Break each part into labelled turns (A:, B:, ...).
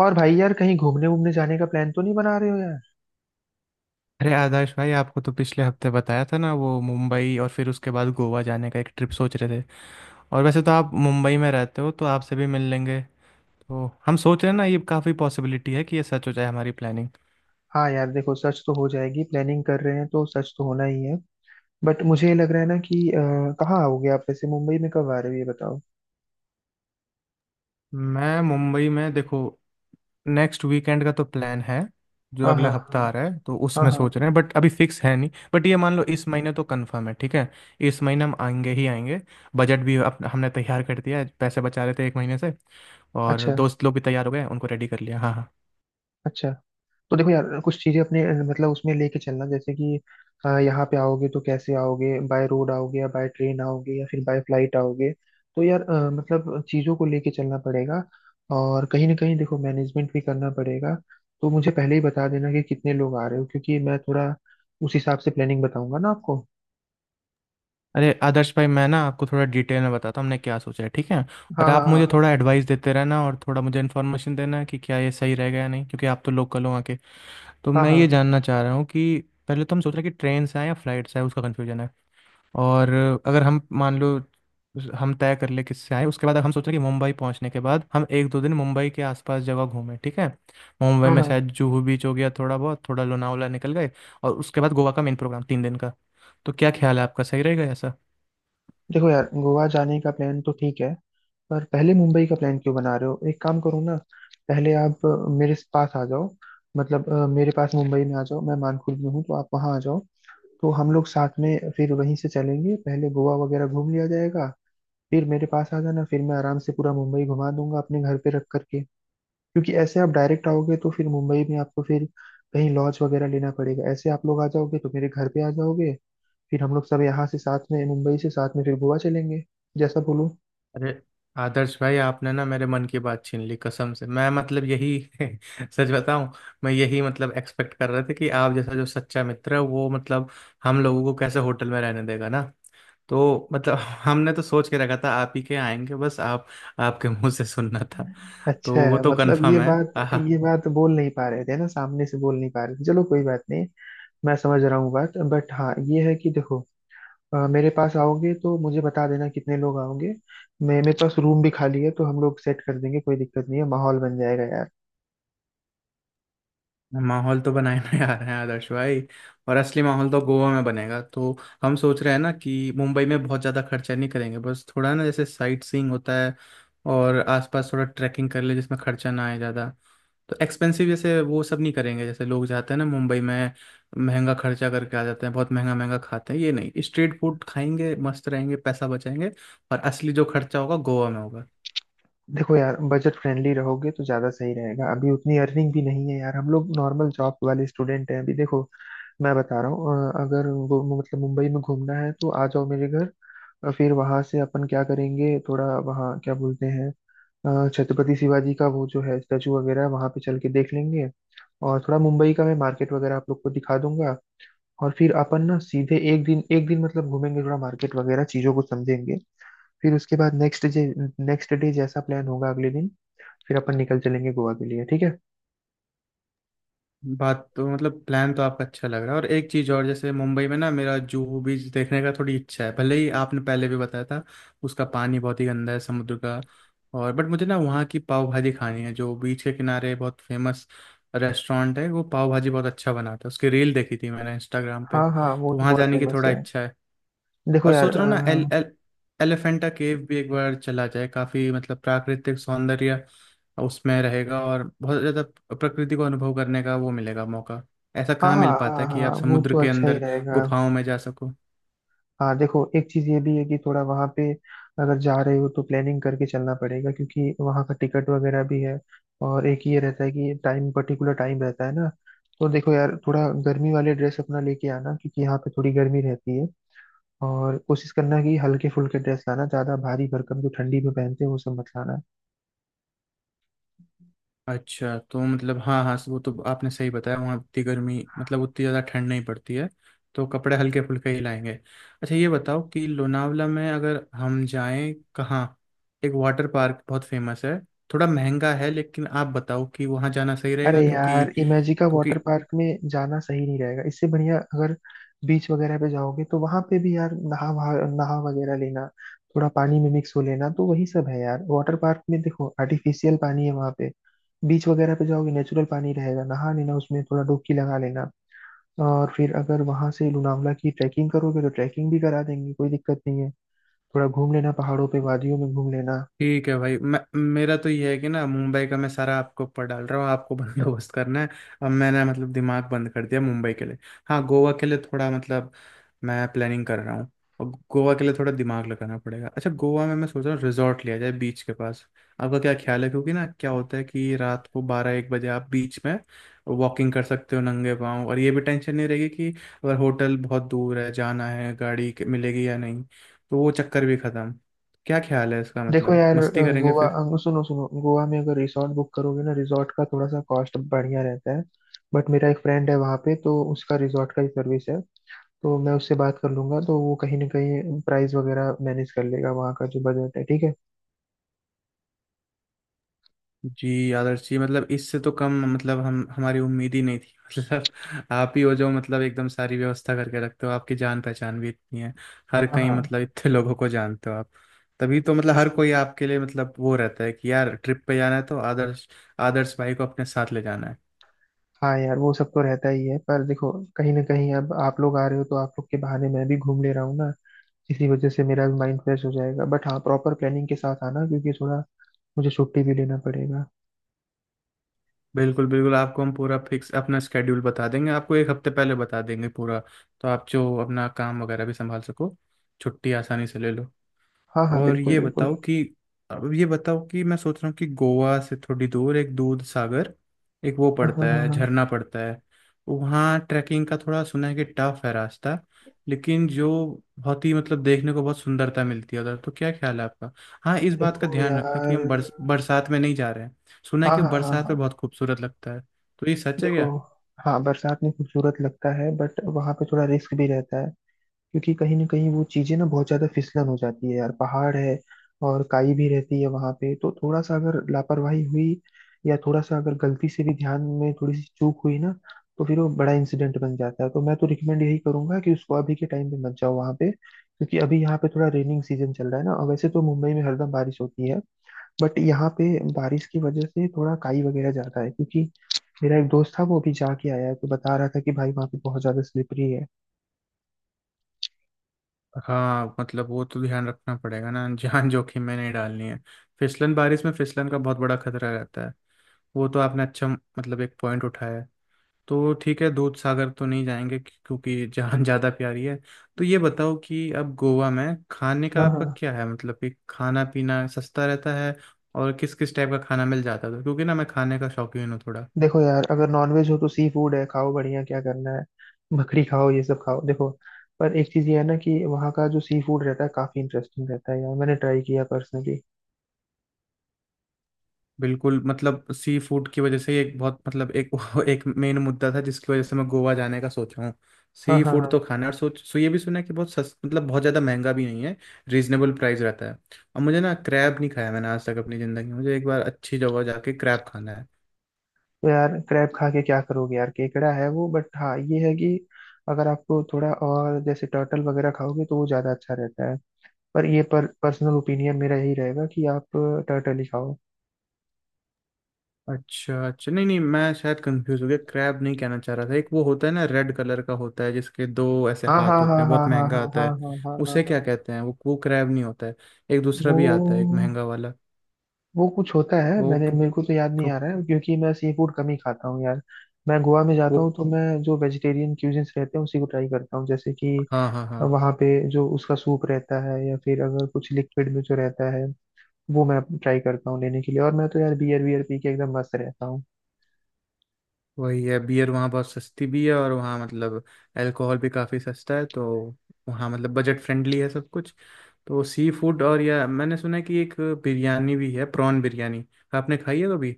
A: और भाई यार कहीं घूमने वूमने जाने का प्लान तो नहीं बना रहे हो यार।
B: अरे आदर्श भाई आपको तो पिछले हफ्ते बताया था ना, वो मुंबई और फिर उसके बाद गोवा जाने का एक ट्रिप सोच रहे थे। और वैसे तो आप मुंबई में रहते हो तो आपसे भी मिल लेंगे। तो हम सोच रहे हैं ना, ये काफ़ी पॉसिबिलिटी है कि ये सच हो जाए हमारी प्लानिंग।
A: हाँ यार, देखो सर्च तो हो जाएगी, प्लानिंग कर रहे हैं तो सर्च तो होना ही है। बट मुझे ये लग रहा है ना कि कहाँ आओगे आप? वैसे मुंबई में कब आ रहे हो ये बताओ।
B: मैं मुंबई में देखो, नेक्स्ट वीकेंड का तो प्लान है। जो
A: हाँ,
B: अगला
A: हाँ,
B: हफ्ता
A: हाँ,
B: आ रहा है तो
A: हाँ,
B: उसमें
A: हाँ।
B: सोच रहे हैं, बट अभी फिक्स है नहीं, बट ये मान लो इस महीने तो कंफर्म है, ठीक है। इस महीने हम आएंगे ही आएंगे। बजट भी हमने तैयार कर दिया है, पैसे बचा रहे थे एक महीने से। और
A: अच्छा।
B: दोस्त लोग भी तैयार हो गए, उनको रेडी कर लिया, हाँ हाँ।
A: अच्छा। तो देखो यार कुछ चीजें अपने मतलब उसमें लेके चलना, जैसे कि यहाँ पे आओगे तो कैसे आओगे? बाय रोड आओगे या बाय ट्रेन आओगे या फिर बाय फ्लाइट आओगे? तो यार मतलब चीजों को लेके चलना पड़ेगा। और कहीं ना कहीं देखो मैनेजमेंट भी करना पड़ेगा। तो मुझे पहले ही बता देना कि कितने लोग आ रहे हो, क्योंकि मैं थोड़ा उस हिसाब से प्लानिंग बताऊंगा ना आपको।
B: अरे आदर्श भाई, मैं ना आपको थोड़ा डिटेल में बताता हूँ हमने क्या सोचा है, ठीक है। और
A: हाँ,
B: आप मुझे
A: हाँ,
B: थोड़ा एडवाइस देते रहना और थोड़ा मुझे इन्फॉर्मेशन देना कि क्या ये सही रहेगा या नहीं, क्योंकि आप तो लोकल हो आके। तो
A: हाँ,
B: मैं
A: हाँ,
B: ये
A: हाँ,
B: जानना चाह रहा हूँ कि पहले तो हम सोच रहे हैं कि ट्रेन से आए या फ्लाइट से आए, उसका कन्फ्यूजन है। और अगर हम मान लो, हम तय कर ले किससे आए, उसके बाद हम सोच रहे हैं कि मुंबई पहुंचने के बाद हम एक दो दिन मुंबई के आसपास जगह घूमें, ठीक है। मुंबई
A: हाँ,
B: में
A: हाँ।
B: शायद जुहू बीच हो गया, थोड़ा बहुत थोड़ा लोनावला निकल गए। और उसके बाद गोवा का मेन प्रोग्राम तीन दिन का। तो क्या ख्याल है आपका, सही रहेगा ऐसा?
A: देखो यार गोवा जाने का प्लान तो ठीक है। पर पहले मुंबई का प्लान क्यों बना रहे हो? एक काम करो ना, पहले आप मेरे पास आ जाओ। मतलब मेरे पास मुंबई में आ जाओ। मैं मानकुल में हूँ, तो आप वहाँ आ जाओ। तो हम लोग साथ में फिर वहीं से चलेंगे, पहले गोवा वगैरह घूम लिया जाएगा। फिर मेरे पास आ जाना, फिर मैं आराम से पूरा मुंबई घुमा दूंगा अपने घर पे रख करके। क्योंकि ऐसे आप डायरेक्ट आओगे तो फिर मुंबई में आपको फिर कहीं लॉज वगैरह लेना पड़ेगा। ऐसे आप लोग आ जाओगे तो मेरे घर पे आ जाओगे, फिर हम लोग सब यहाँ से साथ में, मुंबई से साथ में फिर गोवा चलेंगे, जैसा बोलूं।
B: अरे आदर्श भाई, आपने ना मेरे मन की बात छीन ली, कसम से। मैं यही सच बताऊं, मैं यही एक्सपेक्ट कर रहे थे कि आप जैसा जो सच्चा मित्र है वो हम लोगों को कैसे होटल में रहने देगा ना। तो हमने तो सोच के रखा था आप ही के आएंगे, बस आप, आपके मुंह से सुनना था। तो
A: अच्छा।
B: वो तो
A: मतलब ये
B: कंफर्म है
A: बात ये बात बोल नहीं पा रहे थे ना, सामने से बोल नहीं पा रहे थे, चलो कोई बात नहीं। मैं समझ रहा हूँ बात। बट हाँ, ये है कि देखो मेरे पास आओगे तो मुझे बता देना कितने लोग आओगे। मैं, मेरे पास रूम भी खाली है, तो हम लोग सेट कर देंगे, कोई दिक्कत नहीं है, माहौल बन जाएगा यार।
B: माहौल तो बनाए जा रहे हैं आदर्श भाई, और असली माहौल तो गोवा में बनेगा। तो हम सोच रहे हैं ना कि मुंबई में बहुत ज़्यादा खर्चा नहीं करेंगे, बस थोड़ा ना, जैसे साइट सीइंग होता है और आसपास थोड़ा ट्रैकिंग कर ले जिसमें खर्चा ना आए ज़्यादा। तो एक्सपेंसिव जैसे वो सब नहीं करेंगे, जैसे लोग जाते हैं ना मुंबई में, महंगा खर्चा करके आ जाते हैं, बहुत महंगा महंगा खाते हैं, ये नहीं, स्ट्रीट फूड खाएंगे, मस्त रहेंगे, पैसा बचाएंगे। और असली जो खर्चा होगा गोवा में होगा।
A: देखो यार बजट फ्रेंडली रहोगे तो ज्यादा सही रहेगा। अभी उतनी अर्निंग भी नहीं है यार, हम लोग नॉर्मल जॉब वाले स्टूडेंट हैं अभी। देखो मैं बता रहा हूँ अगर वो मतलब मुंबई में घूमना है तो आ जाओ मेरे घर। और फिर वहां से अपन क्या करेंगे, थोड़ा वहाँ क्या बोलते हैं, छत्रपति शिवाजी का वो जो है स्टैचू वगैरह, वहां पे चल के देख लेंगे। और थोड़ा मुंबई का मैं मार्केट वगैरह आप लोग को दिखा दूंगा। और फिर अपन ना सीधे एक दिन, एक दिन मतलब घूमेंगे, थोड़ा मार्केट वगैरह चीजों को समझेंगे। फिर उसके बाद नेक्स्ट डे जैसा प्लान होगा अगले दिन, फिर अपन निकल चलेंगे गोवा के लिए, ठीक है।
B: बात तो प्लान तो आपका अच्छा लग रहा है। और एक चीज़ और, जैसे मुंबई में ना मेरा जुहू बीच देखने का थोड़ी इच्छा है, भले ही आपने पहले भी बताया था उसका पानी बहुत ही गंदा है समुद्र का। और बट मुझे ना वहाँ की पाव भाजी खानी है जो बीच के किनारे बहुत फेमस रेस्टोरेंट है, वो पाव भाजी बहुत अच्छा बनाता है, उसकी रील देखी थी मैंने इंस्टाग्राम पे।
A: हाँ हाँ, वो
B: तो
A: तो
B: वहाँ
A: बहुत
B: जाने की
A: फेमस
B: थोड़ा
A: है।
B: इच्छा है।
A: देखो
B: और
A: यार।
B: सोच रहा हूँ ना, एल एल एलिफेंटा केव भी एक बार चला जाए, काफी प्राकृतिक सौंदर्य उसमें रहेगा और बहुत ज्यादा प्रकृति को अनुभव करने का वो मिलेगा मौका। ऐसा
A: हाँ,
B: कहाँ
A: हाँ,
B: मिल पाता
A: हाँ,
B: है कि
A: हाँ,
B: आप
A: वो
B: समुद्र
A: तो
B: के
A: अच्छा ही
B: अंदर
A: रहेगा।
B: गुफाओं में जा सको।
A: हाँ, देखो एक चीज ये भी है कि थोड़ा वहां पे अगर जा रहे हो तो प्लानिंग करके चलना पड़ेगा, क्योंकि वहां का टिकट वगैरह भी है। और एक ये रहता है कि टाइम, पर्टिकुलर टाइम रहता है ना। तो देखो यार थोड़ा गर्मी वाले ड्रेस अपना लेके आना, क्योंकि यहाँ पे थोड़ी गर्मी रहती है। और कोशिश करना कि हल्के फुल्के ड्रेस लाना, ज्यादा भारी भरकम जो ठंडी में पहनते हैं वो सब मत लाना।
B: अच्छा तो हाँ हाँ, वो तो आपने सही बताया, वहाँ उतनी गर्मी उतनी ज़्यादा ठंड नहीं पड़ती है। तो कपड़े हल्के फुल्के ही लाएंगे। अच्छा ये बताओ कि लोनावला में अगर हम जाएं कहाँ, एक वाटर पार्क बहुत फेमस है, थोड़ा महंगा है, लेकिन आप बताओ कि वहाँ जाना सही
A: अरे
B: रहेगा क्योंकि,
A: यार इमेजिका वाटर
B: क्योंकि
A: पार्क में जाना सही नहीं रहेगा। इससे बढ़िया अगर बीच वगैरह पे जाओगे तो वहां पे भी यार नहा वगैरह लेना, थोड़ा पानी में मिक्स हो लेना। तो वही सब है यार। वाटर पार्क में देखो आर्टिफिशियल पानी है वहां पे, बीच वगैरह पे जाओगे नेचुरल पानी रहेगा, नहा लेना उसमें, थोड़ा डुबकी लगा लेना। और फिर अगर वहां से लोनावला की ट्रैकिंग करोगे तो ट्रैकिंग भी करा देंगे, कोई दिक्कत नहीं है। थोड़ा घूम लेना पहाड़ों पे, वादियों में घूम लेना।
B: ठीक है भाई। मैं, मेरा तो ये है कि ना, मुंबई का मैं सारा आपको ऊपर डाल रहा हूँ, आपको बंदोबस्त करना है। अब मैंने दिमाग बंद कर दिया मुंबई के लिए। हाँ, गोवा के लिए थोड़ा मैं प्लानिंग कर रहा हूँ, और गोवा के लिए थोड़ा दिमाग लगाना पड़ेगा। अच्छा, गोवा में मैं सोच रहा हूँ रिजॉर्ट लिया जाए बीच के पास। आपका क्या ख्याल है, क्योंकि ना क्या होता है कि रात को बारह एक बजे आप बीच में वॉकिंग कर सकते हो नंगे पाँव, और ये भी टेंशन नहीं रहेगी कि अगर होटल बहुत दूर है, जाना है, मिलेगी या नहीं, तो वो चक्कर भी खत्म। क्या ख्याल है इसका,
A: देखो
B: मतलब
A: यार
B: मस्ती करेंगे
A: गोवा,
B: फिर।
A: सुनो सुनो, गोवा में अगर रिसॉर्ट बुक करोगे ना, रिसॉर्ट का थोड़ा सा कॉस्ट बढ़िया रहता है। बट मेरा एक फ्रेंड है वहाँ पे, तो उसका रिसॉर्ट का ही सर्विस है। तो मैं उससे बात कर लूंगा, तो वो कहीं ना कहीं प्राइस वगैरह मैनेज कर लेगा वहाँ का, जो बजट है, ठीक है।
B: जी आदर्श जी, इससे तो कम हम हमारी उम्मीद ही नहीं थी मतलब आप ही हो जो एकदम सारी व्यवस्था करके रखते हो, आपकी जान पहचान भी इतनी है हर
A: हाँ,
B: कहीं,
A: हाँ,
B: इतने लोगों को जानते हो आप। तभी तो हर कोई आपके लिए वो रहता है कि यार ट्रिप पे जाना है तो आदर्श आदर्श भाई को अपने साथ ले जाना है।
A: हाँ, यार वो सब तो रहता ही है। पर देखो कहीं ना कहीं अब आप लोग आ रहे हो, तो आप लोग के बहाने मैं भी घूम ले रहा हूँ ना। इसी वजह से मेरा भी माइंड फ्रेश हो जाएगा। बट हाँ, प्रॉपर प्लानिंग के साथ आना, क्योंकि थोड़ा मुझे छुट्टी भी लेना पड़ेगा।
B: बिल्कुल बिल्कुल, आपको हम पूरा फिक्स अपना स्केड्यूल बता देंगे, आपको एक हफ्ते पहले बता देंगे पूरा, तो आप जो अपना काम वगैरह भी संभाल सको, छुट्टी आसानी से ले लो।
A: हाँ हाँ,
B: और
A: बिल्कुल
B: ये
A: बिल्कुल।
B: बताओ कि, अब ये बताओ कि मैं सोच रहा हूँ कि गोवा से थोड़ी दूर एक दूध सागर, एक वो
A: हाँ,
B: पड़ता
A: हाँ,
B: है
A: हाँ।
B: झरना पड़ता है। वहाँ ट्रैकिंग का थोड़ा सुना है कि टफ है रास्ता, लेकिन जो बहुत ही देखने को बहुत सुंदरता मिलती है उधर, तो क्या ख्याल है आपका? हाँ, इस बात का
A: देखो
B: ध्यान रखना कि
A: यार।
B: हम बरसात में नहीं जा रहे हैं। सुना है
A: हाँ,
B: कि
A: हाँ, हाँ,
B: बरसात
A: हाँ।
B: में बहुत खूबसूरत लगता है, तो ये सच है
A: देखो,
B: क्या?
A: हाँ बरसात में खूबसूरत लगता है, बट वहाँ पे थोड़ा रिस्क भी रहता है। क्योंकि कहीं ना कहीं वो चीजें ना बहुत ज्यादा फिसलन हो जाती है यार, पहाड़ है और काई भी रहती है वहाँ पे। तो थोड़ा सा अगर लापरवाही हुई या थोड़ा सा अगर गलती से भी ध्यान में थोड़ी सी चूक हुई ना, तो फिर वो बड़ा इंसिडेंट बन जाता है। तो मैं तो रिकमेंड यही करूंगा कि उसको अभी के टाइम पे मत जाओ वहाँ पे, क्योंकि अभी यहाँ पे थोड़ा रेनिंग सीजन चल रहा है ना। और वैसे तो मुंबई में हरदम बारिश होती है, बट यहाँ पे बारिश की वजह से थोड़ा काई वगैरह ज्यादा है, क्योंकि मेरा एक दोस्त था, वो अभी जाके आया है, तो बता रहा था कि भाई वहाँ पे बहुत ज्यादा स्लिपरी है।
B: हाँ वो तो ध्यान रखना पड़ेगा ना, जान जोखिम में नहीं डालनी है। फिसलन, बारिश में फिसलन का बहुत बड़ा खतरा रहता है। वो तो आपने अच्छा, एक पॉइंट उठाया है। तो ठीक है, दूध सागर तो नहीं जाएंगे क्योंकि जहाँ ज़्यादा प्यारी है। तो ये बताओ कि अब गोवा में खाने का
A: हाँ
B: आपका
A: हाँ।
B: क्या है, मतलब कि खाना पीना सस्ता रहता है और किस किस टाइप का खाना मिल जाता है, क्योंकि ना मैं खाने का शौकीन हूँ थोड़ा।
A: देखो यार अगर नॉनवेज हो तो सी फूड है, खाओ बढ़िया, क्या करना है। बकरी खाओ, ये सब खाओ। देखो पर एक चीज ये है ना कि वहाँ का जो सी फूड रहता है काफी इंटरेस्टिंग रहता है यार, मैंने ट्राई किया पर्सनली।
B: बिल्कुल, सी फूड की वजह से ही एक बहुत मतलब एक एक मेन मुद्दा था जिसकी वजह से मैं गोवा जाने का सोच रहा हूँ।
A: हाँ,
B: सी
A: हाँ,
B: फूड
A: हाँ।
B: तो खाना है, और सोच सो ये भी सुना है कि बहुत सस बहुत ज़्यादा महंगा भी नहीं है, रीजनेबल प्राइस रहता है। और मुझे ना क्रैब नहीं खाया मैंने आज तक अपनी ज़िंदगी में, मुझे एक बार अच्छी जगह जाके क्रैब खाना है।
A: तो यार क्रैब खा के क्या करोगे यार, केकड़ा है वो। बट हाँ ये है कि अगर आपको थोड़ा और जैसे टर्टल वगैरह खाओगे तो वो ज्यादा अच्छा रहता है। पर पर्सनल ओपिनियन मेरा यही रहेगा कि आप टर्टल ही खाओ।
B: अच्छा अच्छा, नहीं नहीं, मैं शायद कंफ्यूज हो गया, क्रैब नहीं कहना चाह रहा था। एक वो होता है ना, रेड कलर का होता है, जिसके दो ऐसे
A: हाँ, हाँ,
B: हाथ
A: हाँ,
B: होते हैं,
A: हाँ,
B: बहुत
A: हाँ,
B: महंगा
A: हाँ,
B: आता
A: हाँ,
B: है।
A: हाँ, हाँ, हाँ,
B: उसे
A: हाँ।
B: क्या कहते हैं? वो क्रैब नहीं होता है, एक दूसरा भी आता है, एक
A: वो
B: महंगा वाला।
A: वो कुछ होता है,
B: वो
A: मैंने, मेरे को तो याद नहीं आ रहा है क्योंकि मैं सी फूड कम ही खाता हूँ यार। मैं गोवा में
B: वो
A: जाता हूँ तो मैं जो वेजिटेरियन क्यूजिन्स रहते हैं उसी को ट्राई करता हूँ, जैसे कि
B: हाँ हाँ हाँ,
A: वहाँ पे जो उसका सूप रहता है, या फिर अगर कुछ लिक्विड में जो रहता है, वो मैं ट्राई करता हूँ लेने के लिए। और मैं तो यार बियर बियर पी के एकदम मस्त रहता हूँ।
B: वही है। बियर वहाँ बहुत सस्ती भी है, और वहाँ अल्कोहल भी काफ़ी सस्ता है, तो वहाँ बजट फ्रेंडली है सब कुछ। तो सी फूड, और या मैंने सुना है कि एक बिरयानी भी है, प्रॉन बिरयानी, आपने खाई है कभी?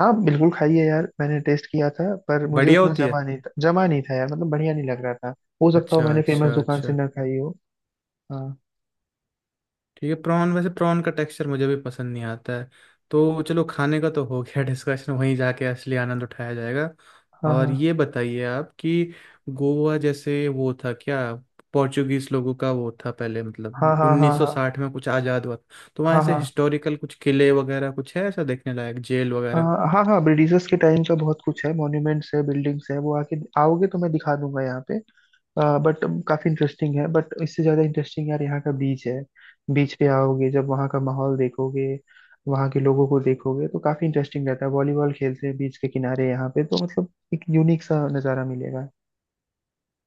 A: हाँ बिल्कुल खाइए यार, मैंने टेस्ट किया था पर मुझे
B: बढ़िया
A: उतना
B: होती है।
A: जमा नहीं था, जमा नहीं था यार, मतलब बढ़िया नहीं लग रहा था। हो सकता हो
B: अच्छा
A: मैंने
B: अच्छा
A: फेमस दुकान से
B: अच्छा,
A: ना खाई हो। हाँ,
B: ठीक है। प्रॉन, वैसे प्रॉन का टेक्सचर मुझे भी पसंद नहीं आता है। तो चलो, खाने का तो हो गया डिस्कशन, वहीं जाके असली आनंद उठाया जाएगा। और
A: हाँ,
B: ये बताइए आप कि गोवा, जैसे वो था क्या, पोर्चुगीज लोगों का वो था पहले,
A: हाँ,
B: मतलब
A: हाँ, हाँ, हाँ,
B: 1960 में कुछ आज़ाद हुआ था, तो वहाँ
A: हाँ,
B: ऐसे
A: हाँ,
B: हिस्टोरिकल कुछ किले वगैरह कुछ है ऐसा देखने लायक, जेल वगैरह?
A: हाँ, हाँ, हाँ, ब्रिटिशर्स के टाइम का बहुत कुछ है, मॉन्यूमेंट्स है, बिल्डिंग्स है, वो आके, आओगे तो मैं दिखा दूंगा यहाँ पे। बट काफी इंटरेस्टिंग है, बट इससे ज्यादा इंटरेस्टिंग यार यहाँ का बीच है। बीच पे आओगे जब वहाँ का माहौल देखोगे, वहाँ के लोगों को देखोगे तो काफी इंटरेस्टिंग रहता है, वॉलीबॉल खेलते हैं बीच के किनारे यहाँ पे, तो मतलब एक यूनिक सा नज़ारा मिलेगा।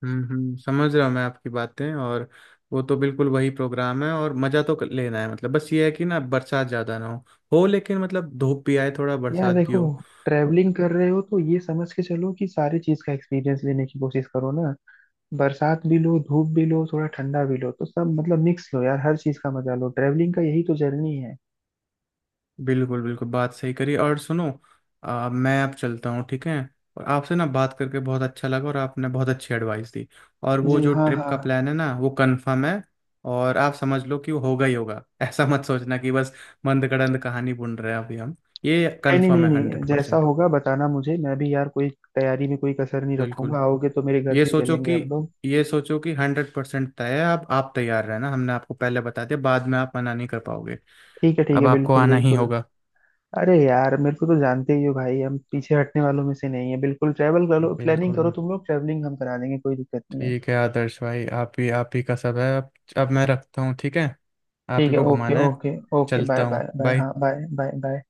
B: हम्म, समझ रहा हूँ मैं आपकी बातें, और वो तो बिल्कुल वही प्रोग्राम है और मज़ा तो लेना है। मतलब बस ये है कि ना, बरसात ज़्यादा ना हो, लेकिन मतलब धूप भी आए थोड़ा
A: यार
B: बरसात भी
A: देखो
B: हो।
A: ट्रैवलिंग कर रहे हो तो ये समझ के चलो कि सारी चीज का एक्सपीरियंस लेने की कोशिश करो ना। बरसात भी लो, धूप भी लो, थोड़ा ठंडा भी लो, तो सब मतलब मिक्स लो यार, हर चीज का मजा लो, ट्रैवलिंग का यही तो जर्नी है।
B: बिल्कुल बिल्कुल, बात सही करी। और सुनो, मैं अब चलता हूँ, ठीक है। और आपसे ना बात करके बहुत अच्छा लगा, और आपने बहुत अच्छी एडवाइस दी। और वो
A: जी
B: जो
A: हाँ,
B: ट्रिप
A: हाँ।
B: का प्लान है ना, वो कंफर्म है, और आप समझ लो कि वो होगा ही होगा ऐसा मत सोचना कि बस मंदकड़ंद कहानी बुन रहे हैं अभी हम। ये
A: नहीं,
B: कंफर्म
A: नहीं,
B: है,
A: नहीं, नहीं,
B: हंड्रेड
A: जैसा
B: परसेंट।
A: होगा बताना मुझे, मैं भी यार कोई तैयारी में कोई कसर नहीं
B: बिल्कुल,
A: रखूंगा। आओगे तो मेरे घर
B: ये
A: से ही
B: सोचो
A: चलेंगे
B: कि,
A: हम लोग।
B: ये सोचो कि हंड्रेड परसेंट तय है। आप तैयार रहना, हमने आपको पहले बता दिया, बाद में आप मना नहीं कर पाओगे।
A: ठीक है, ठीक
B: अब
A: है,
B: आपको
A: बिल्कुल,
B: आना ही
A: बिल्कुल।
B: होगा।
A: अरे यार मेरे को तो जानते ही हो भाई, हम पीछे हटने वालों में से नहीं है बिल्कुल, ट्रैवल करो, प्लानिंग
B: बिल्कुल।
A: करो, तुम लोग, ट्रैवलिंग हम करा देंगे, कोई दिक्कत नहीं है।
B: ठीक है आदर्श भाई, आप ही का सब है अब। अब मैं रखता हूँ, ठीक है। आप
A: ठीक
B: ही
A: है,
B: को
A: ओके,
B: घुमाना है।
A: ओके। ओके, बाय,
B: चलता हूँ,
A: बाय, बाय,
B: बाय।
A: हाँ, बाय, बाय, बाय।